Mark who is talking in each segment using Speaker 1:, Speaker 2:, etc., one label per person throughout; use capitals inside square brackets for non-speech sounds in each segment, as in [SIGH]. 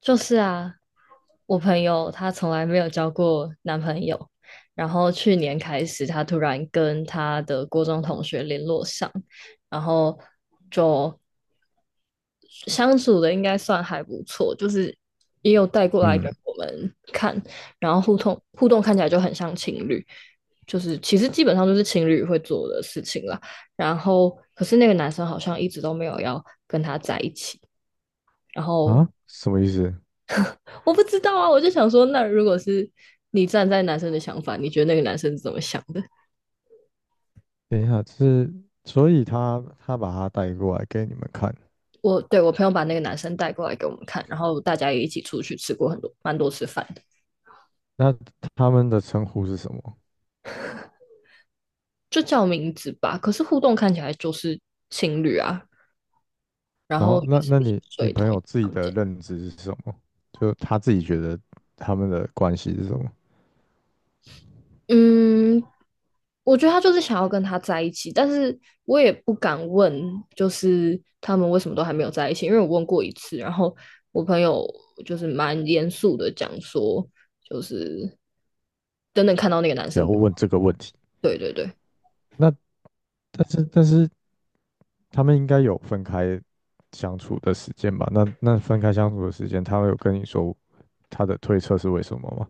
Speaker 1: 就是啊，我朋友她从来没有交过男朋友，然后去年开始，她突然跟她的高中同学联络上，然后就相处的应该算还不错，就是也有带过来给
Speaker 2: 嗯。
Speaker 1: 我们看，然后互动看起来就很像情侣，就是其实基本上就是情侣会做的事情啦。然后可是那个男生好像一直都没有要跟她在一起，然后
Speaker 2: 啊，什么意思？
Speaker 1: 我不知道啊，我就想说，那如果是你站在男生的想法，你觉得那个男生是怎么想的？
Speaker 2: 等一下，是所以他把他带过来给你们看，
Speaker 1: 我对我朋友把那个男生带过来给我们看，然后大家也一起出去吃过蛮多次饭的，
Speaker 2: 那他们的称呼是什么？
Speaker 1: 就叫名字吧。可是互动看起来就是情侣啊，然
Speaker 2: 然
Speaker 1: 后
Speaker 2: 后
Speaker 1: 也
Speaker 2: 那
Speaker 1: 是
Speaker 2: 那
Speaker 1: 一起
Speaker 2: 你你
Speaker 1: 睡
Speaker 2: 朋
Speaker 1: 同一
Speaker 2: 友
Speaker 1: 个
Speaker 2: 自己
Speaker 1: 房
Speaker 2: 的
Speaker 1: 间。
Speaker 2: 认知是什么？就他自己觉得他们的关系是什么？
Speaker 1: 嗯，我觉得他就是想要跟他在一起，但是我也不敢问，就是他们为什么都还没有在一起，因为我问过一次，然后我朋友就是蛮严肃的讲说，就是等等看到那个男
Speaker 2: 不
Speaker 1: 生
Speaker 2: 要
Speaker 1: 不要
Speaker 2: 问这个问题。
Speaker 1: 对对对，
Speaker 2: 那但是他们应该有分开相处的时间吧？那分开相处的时间，他有跟你说他的推测是为什么吗？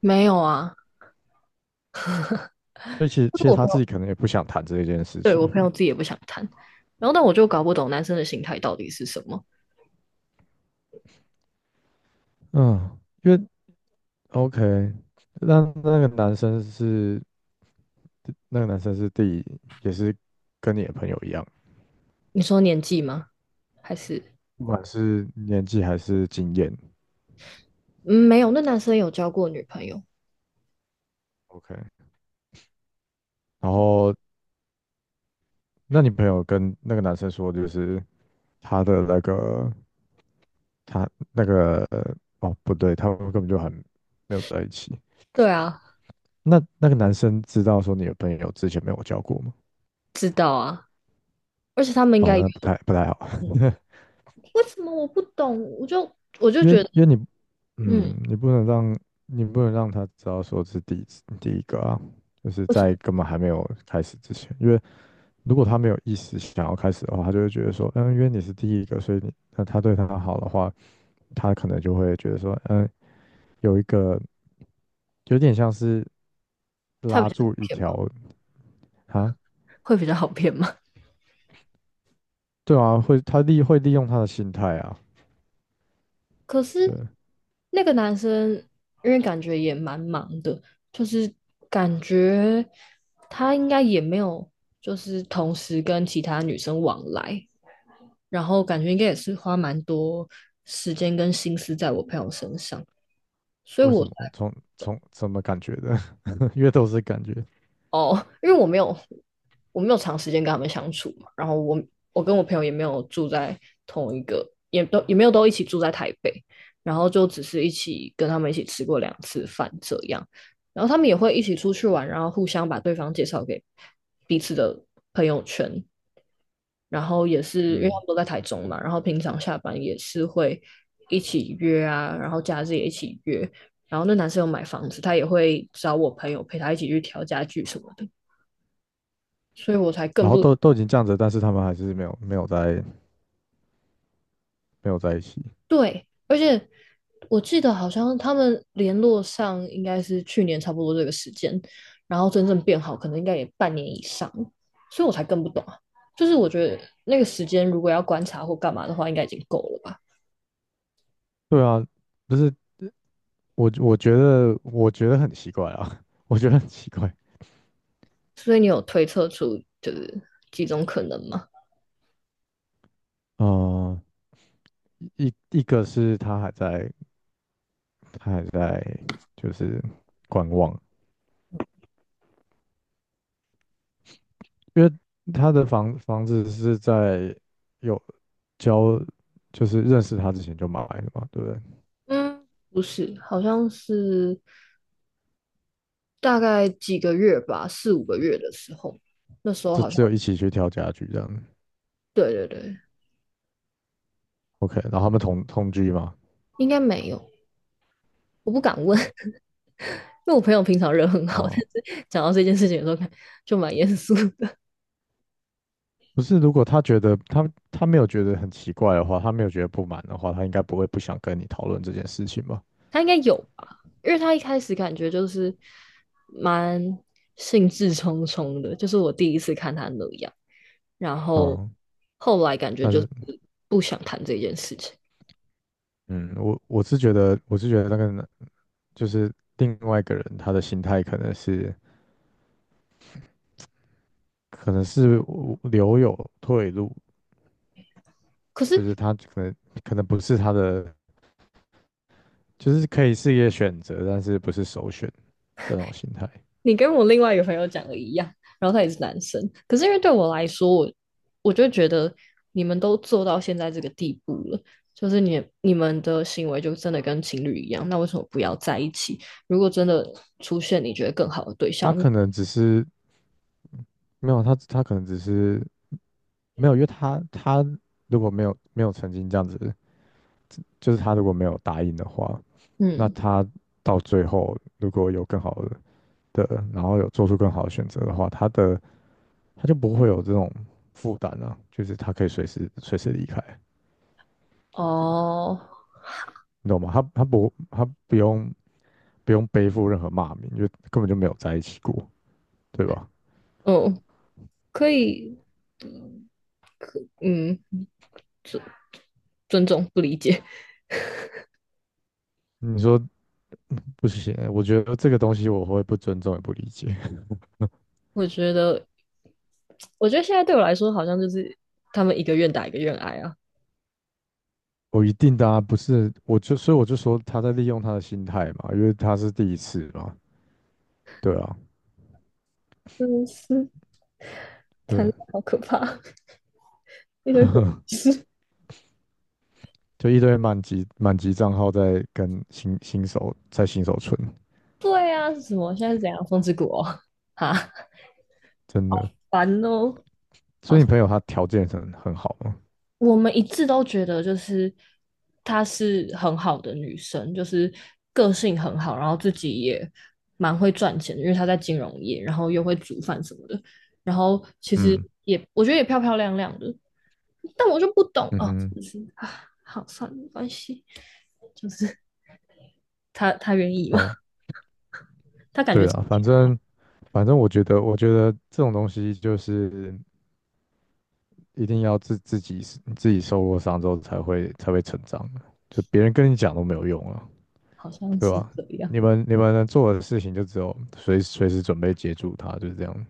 Speaker 1: 没有啊，
Speaker 2: 所以其实
Speaker 1: 就
Speaker 2: 其
Speaker 1: 是
Speaker 2: 实
Speaker 1: 我
Speaker 2: 他
Speaker 1: 朋
Speaker 2: 自
Speaker 1: 友，
Speaker 2: 己可能也不想谈这一件事
Speaker 1: 对，
Speaker 2: 情，
Speaker 1: 我朋友自己也不想谈，然后但我就搞不懂男生的心态到底是什么，
Speaker 2: 嗯，因为 OK,那那个男生是那个男生是第也是跟你的朋友一样，
Speaker 1: 你说年纪吗？还是，
Speaker 2: 不管是年纪还是经验
Speaker 1: 嗯，没有，那男生有交过女朋友，
Speaker 2: ，OK,然后那你朋友跟那个男生说，就是他的那个他那个哦，不对，他们根本就很没有在一起。
Speaker 1: 对啊，
Speaker 2: 那那个男生知道说你的朋友之前没有交过吗？
Speaker 1: 知道啊，而且他们应
Speaker 2: 哦，
Speaker 1: 该有，
Speaker 2: 那不太好。
Speaker 1: 嗯。为什么我不懂？我就我
Speaker 2: [LAUGHS]
Speaker 1: 就
Speaker 2: 因为
Speaker 1: 觉得，
Speaker 2: 因为你
Speaker 1: 嗯，
Speaker 2: 嗯，你不能让你不能让他知道说是第一次第一个啊，就是
Speaker 1: 为什
Speaker 2: 在
Speaker 1: 么？
Speaker 2: 根本还没有开始之前，因为如果他没有意识想要开始的话，他就会觉得说，嗯，因为你是第一个，所以你那他对他好的话。他可能就会觉得说，嗯，有一个有点像是
Speaker 1: 他
Speaker 2: 拉
Speaker 1: 比较好
Speaker 2: 住一
Speaker 1: 骗
Speaker 2: 条
Speaker 1: 吗？
Speaker 2: 啊。
Speaker 1: 会比较好骗吗？
Speaker 2: 对啊，会会利用他的心态啊。
Speaker 1: 可是
Speaker 2: 对，
Speaker 1: 那个男生，因为感觉也蛮忙的，就是感觉他应该也没有，就是同时跟其他女生往来，然后感觉应该也是花蛮多时间跟心思在我朋友身上，所以
Speaker 2: 为什
Speaker 1: 我才
Speaker 2: 么？从什么感觉的？[LAUGHS] 因为都是感觉。
Speaker 1: 哦，因为我没有我没有长时间跟他们相处嘛，然后我跟我朋友也没有住在同一个，也都也没有都一起住在台北，然后就只是一起跟他们一起吃过2次饭这样，然后他们也会一起出去玩，然后互相把对方介绍给彼此的朋友圈，然后也是因为他
Speaker 2: 嗯，
Speaker 1: 们都在台中嘛，然后平常下班也是会一起约啊，然后假日也一起约，然后那男生有买房子，他也会找我朋友陪他一起去调家具什么的。所以我才更
Speaker 2: 然后
Speaker 1: 不
Speaker 2: 都已经这样子，但是他们还是没有在一起，
Speaker 1: 对。而且我记得好像他们联络上应该是去年差不多这个时间，然后真正变好可能应该也半年以上，所以我才更不懂啊。就是我觉得那个时间如果要观察或干嘛的话，应该已经够了吧？
Speaker 2: 对啊。不是，我觉得我觉得很奇怪啊，[LAUGHS] 我觉得很奇怪。
Speaker 1: 所以你有推测出就是几种可能吗？
Speaker 2: 嗯、一个是他还在他还在就是观望，因为他的房子是在有交，就是认识他之前就买的嘛，对不对？
Speaker 1: 嗯，不是，好像是大概几个月吧，四五个月的时候，那时候
Speaker 2: 就
Speaker 1: 好像
Speaker 2: 只有一起去挑家具这样子。
Speaker 1: 对对对，
Speaker 2: OK,然后他们同居嘛。
Speaker 1: 应该没有。我不敢问，因为我朋友平常人很好，
Speaker 2: 啊，
Speaker 1: [LAUGHS] 但是讲到这件事情的时候，就蛮严肃的。
Speaker 2: 不是，如果他觉得他没有觉得很奇怪的话，他没有觉得不满的话，他应该不会不想跟你讨论这件事情吧？
Speaker 1: 他应该有吧，因为他一开始感觉就是蛮兴致冲冲的，就是我第一次看他那样，然后
Speaker 2: 啊，
Speaker 1: 后来感觉
Speaker 2: 但
Speaker 1: 就是
Speaker 2: 是
Speaker 1: 不想谈这件事情。
Speaker 2: 嗯，我是觉得我是觉得那个男就是另外一个人他的心态可能是留有退路，
Speaker 1: 可
Speaker 2: 就
Speaker 1: 是
Speaker 2: 是他可能不是他的，就是可以是一个选择，但是不是首选这种心态。
Speaker 1: 你跟我另外一个朋友讲的一样，然后他也是男生，可是因为对我来说，我就觉得你们都做到现在这个地步了，就是你们的行为就真的跟情侣一样，那为什么不要在一起？如果真的出现你觉得更好的对
Speaker 2: 他
Speaker 1: 象，
Speaker 2: 可能只是没有他，他可能只是没有，因为他他如果没有曾经这样子，就是他如果没有答应的话，那
Speaker 1: 嗯，
Speaker 2: 他到最后如果有更好的的，然后有做出更好的选择的话，他的他就不会有这种负担啊，就是他可以随时离开，
Speaker 1: 哦，
Speaker 2: 你懂吗？他不用背负任何骂名，因为根本就没有在一起过，对吧？
Speaker 1: 哦，可以，嗯，尊重不理解，
Speaker 2: 你说不行欸，我觉得这个东西我会不尊重也不理解。
Speaker 1: 我觉得，我觉得现在对我来说，好像就是他们一个愿打一个愿挨啊，
Speaker 2: 我一定的啊，不是，我就所以我就说他在利用他的心态嘛，因为他是第一次嘛，对啊。
Speaker 1: 真的是谈
Speaker 2: 对，
Speaker 1: 恋爱好可怕，[LAUGHS] 一堆
Speaker 2: 就一堆满级账号在跟新手在新手村，
Speaker 1: 对啊，是什么？现在是怎样？风之谷哦，哈，
Speaker 2: 真的。
Speaker 1: 烦哦。
Speaker 2: 所
Speaker 1: 好，
Speaker 2: 以你朋友他条件很好嘛？
Speaker 1: 我们一致都觉得就是她是很好的女生，就是个性很好，然后自己也蛮会赚钱的，因为她在金融业，然后又会煮饭什么的，然后其实
Speaker 2: 嗯。
Speaker 1: 也我觉得也漂漂亮亮的，但我就不懂
Speaker 2: 嗯
Speaker 1: 哦，
Speaker 2: 哼。
Speaker 1: 就是啊，好算了，没关系，就是她愿意嘛，
Speaker 2: 好。
Speaker 1: 她感觉
Speaker 2: 对啊，反正反正我觉得我觉得这种东西就是一定要自己自己受过伤之后才会成长的，就别人跟你讲都没有用啊，
Speaker 1: 好像
Speaker 2: 对
Speaker 1: 是
Speaker 2: 吧？
Speaker 1: 这样，
Speaker 2: 你们能做的事情就只有随时准备接住他，就是这样。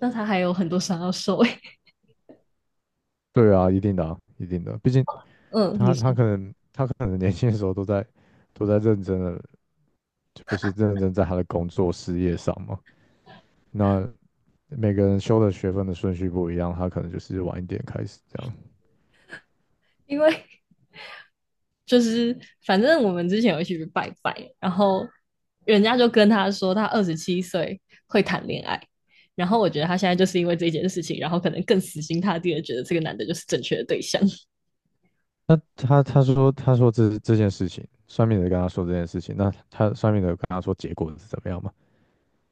Speaker 1: 那她还有很多伤要受欸
Speaker 2: 对啊，一定的，毕竟
Speaker 1: 嗯，你
Speaker 2: 他
Speaker 1: 说，
Speaker 2: 他可能他可能年轻的时候都在认真的，就是认真在他的工作事业上嘛。那每个人修的学分的顺序不一样，他可能就是晚一点开始这样。
Speaker 1: 因为 [LAUGHS] 就是反正我们之前有一起去拜拜，然后人家就跟他说他27岁会谈恋爱，然后我觉得他现在就是因为这件事情，然后可能更死心塌地的觉得这个男的就是正确的对象。
Speaker 2: 那他说这这件事情，算命的跟他说这件事情，那他算命的有跟他说结果是怎么样嘛？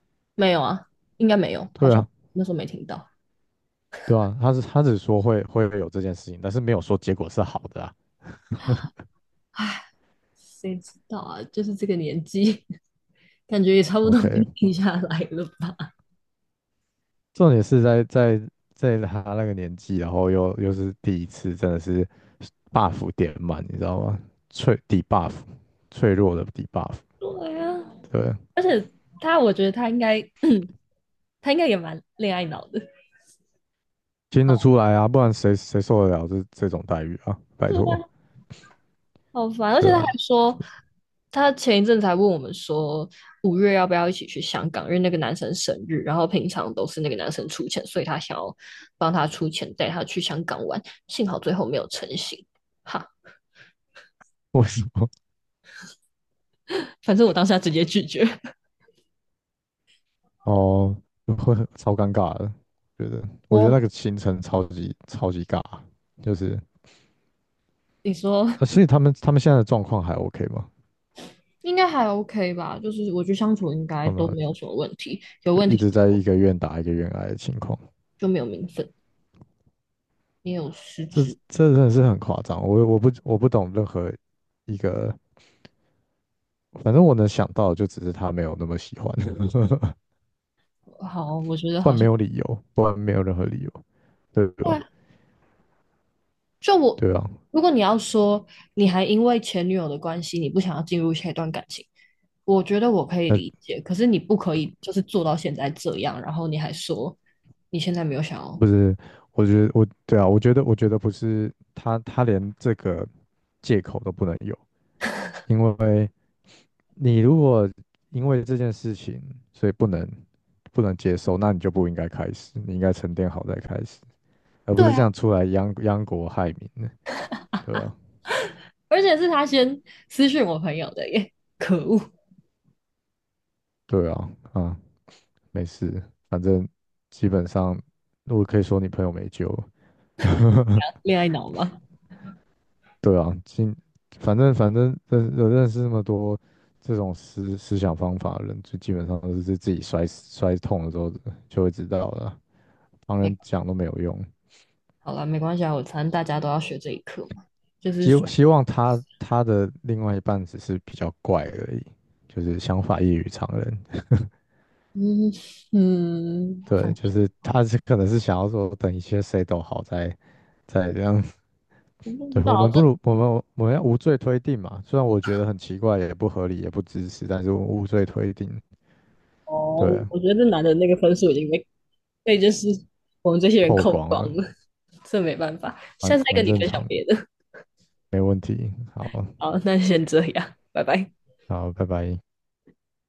Speaker 1: [LAUGHS] 没有啊，应该没有，好
Speaker 2: 对
Speaker 1: 像
Speaker 2: 啊，
Speaker 1: 那时候没听到。
Speaker 2: 对啊，他是他只说会有这件事情，但是没有说结果是好的啊。
Speaker 1: 唉，谁知道啊？就是这个年纪，[LAUGHS] 感觉也差不多该
Speaker 2: OK,
Speaker 1: 定下来了吧？[LAUGHS]
Speaker 2: 重点是在他那个年纪，然后又是第一次，真的是 buff 点满，你知道吗？脆底 buff,脆弱的底 buff。
Speaker 1: 对啊，
Speaker 2: 对，
Speaker 1: 而且他，我觉得他应该，[CLEARS THROAT] 他应该也蛮恋爱脑的。[LAUGHS]
Speaker 2: 听得
Speaker 1: 好
Speaker 2: 出来啊，不然谁受得了这种待遇啊？拜
Speaker 1: 对
Speaker 2: 托。
Speaker 1: 啊，好烦，而且
Speaker 2: 对
Speaker 1: 他还
Speaker 2: 啊。
Speaker 1: 说，
Speaker 2: [LAUGHS]
Speaker 1: 他前一阵才问我们说，5月要不要一起去香港，因为那个男生生日，然后平常都是那个男生出钱，所以他想要帮他出钱带他去香港玩，幸好最后没有成行。哈，
Speaker 2: 我
Speaker 1: 反正我当下直接拒绝。[LAUGHS]
Speaker 2: 哦，就会很超尴尬的，觉得我觉得那
Speaker 1: 我，
Speaker 2: 个行程超级尬。就是
Speaker 1: 你说
Speaker 2: 啊，所以他们现在的状况还 OK 吗？
Speaker 1: 应该还 OK 吧？就是我觉得相处应该
Speaker 2: 他们
Speaker 1: 都没有什么问题，有问
Speaker 2: 就一
Speaker 1: 题
Speaker 2: 直在一个愿打一个愿挨的情况。
Speaker 1: 就没有名分，也有失
Speaker 2: 这
Speaker 1: 职。
Speaker 2: 这真的是很夸张，我不懂任何一个，反正我能想到的就只是他没有那么喜欢。[LAUGHS]
Speaker 1: 好，我觉得
Speaker 2: 不然
Speaker 1: 好
Speaker 2: 没
Speaker 1: 像。
Speaker 2: 有理由，不然没有任何理由，对吧？
Speaker 1: 就我，
Speaker 2: 对啊，
Speaker 1: 如果你要说你还因为前女友的关系，你不想要进入下一段感情，我觉得我可以理
Speaker 2: 那
Speaker 1: 解。可是你不可以就是做到现在这样，然后你还说你现在没有想要。
Speaker 2: 不是，我觉得我对啊，我觉得我觉得不是他他连这个借口都不能有。因为你如果因为这件事情，所以不能接受，那你就不应该开始，你应该沉淀好再开始，而不
Speaker 1: 对
Speaker 2: 是这
Speaker 1: 啊，
Speaker 2: 样出来殃国害民的。对啊，
Speaker 1: 而且是他先私讯我朋友的耶，可恶，
Speaker 2: 对啊，啊，没事，反正基本上我可以说你朋友没救了。[LAUGHS]
Speaker 1: 恋爱脑吗？
Speaker 2: 对啊，今反正认识那么多这种思想方法的人，就基本上都是自己摔死摔痛了之后就会知道了，旁
Speaker 1: 没，
Speaker 2: 人讲都没有用。
Speaker 1: 好了，没关系啊，我反正大家都要学这一课嘛，就是
Speaker 2: 希望
Speaker 1: 说，
Speaker 2: 希望他他的另外一半只是比较怪而已，就是想法异于常人。
Speaker 1: 嗯嗯，反
Speaker 2: 对，就
Speaker 1: 正
Speaker 2: 是他是可能是想要说，等一切谁都好再这样。[LAUGHS]
Speaker 1: 不知
Speaker 2: 对，我
Speaker 1: 道
Speaker 2: 们不
Speaker 1: 这
Speaker 2: 如我们要无罪推定嘛，虽然我觉得很奇怪，也不合理，也不支持，但是我们无罪推定。
Speaker 1: 哦，
Speaker 2: 对，
Speaker 1: 我觉得这男的那个分数已经被就是我们这些人
Speaker 2: 透
Speaker 1: 扣
Speaker 2: 光
Speaker 1: 光
Speaker 2: 了。
Speaker 1: 了，[LAUGHS] 这没办法。下
Speaker 2: 蛮
Speaker 1: 次再跟
Speaker 2: 蛮
Speaker 1: 你
Speaker 2: 正
Speaker 1: 分享
Speaker 2: 常的，
Speaker 1: 别的。
Speaker 2: 没问题。好。
Speaker 1: 好，那先这样，拜拜。
Speaker 2: 好，拜拜。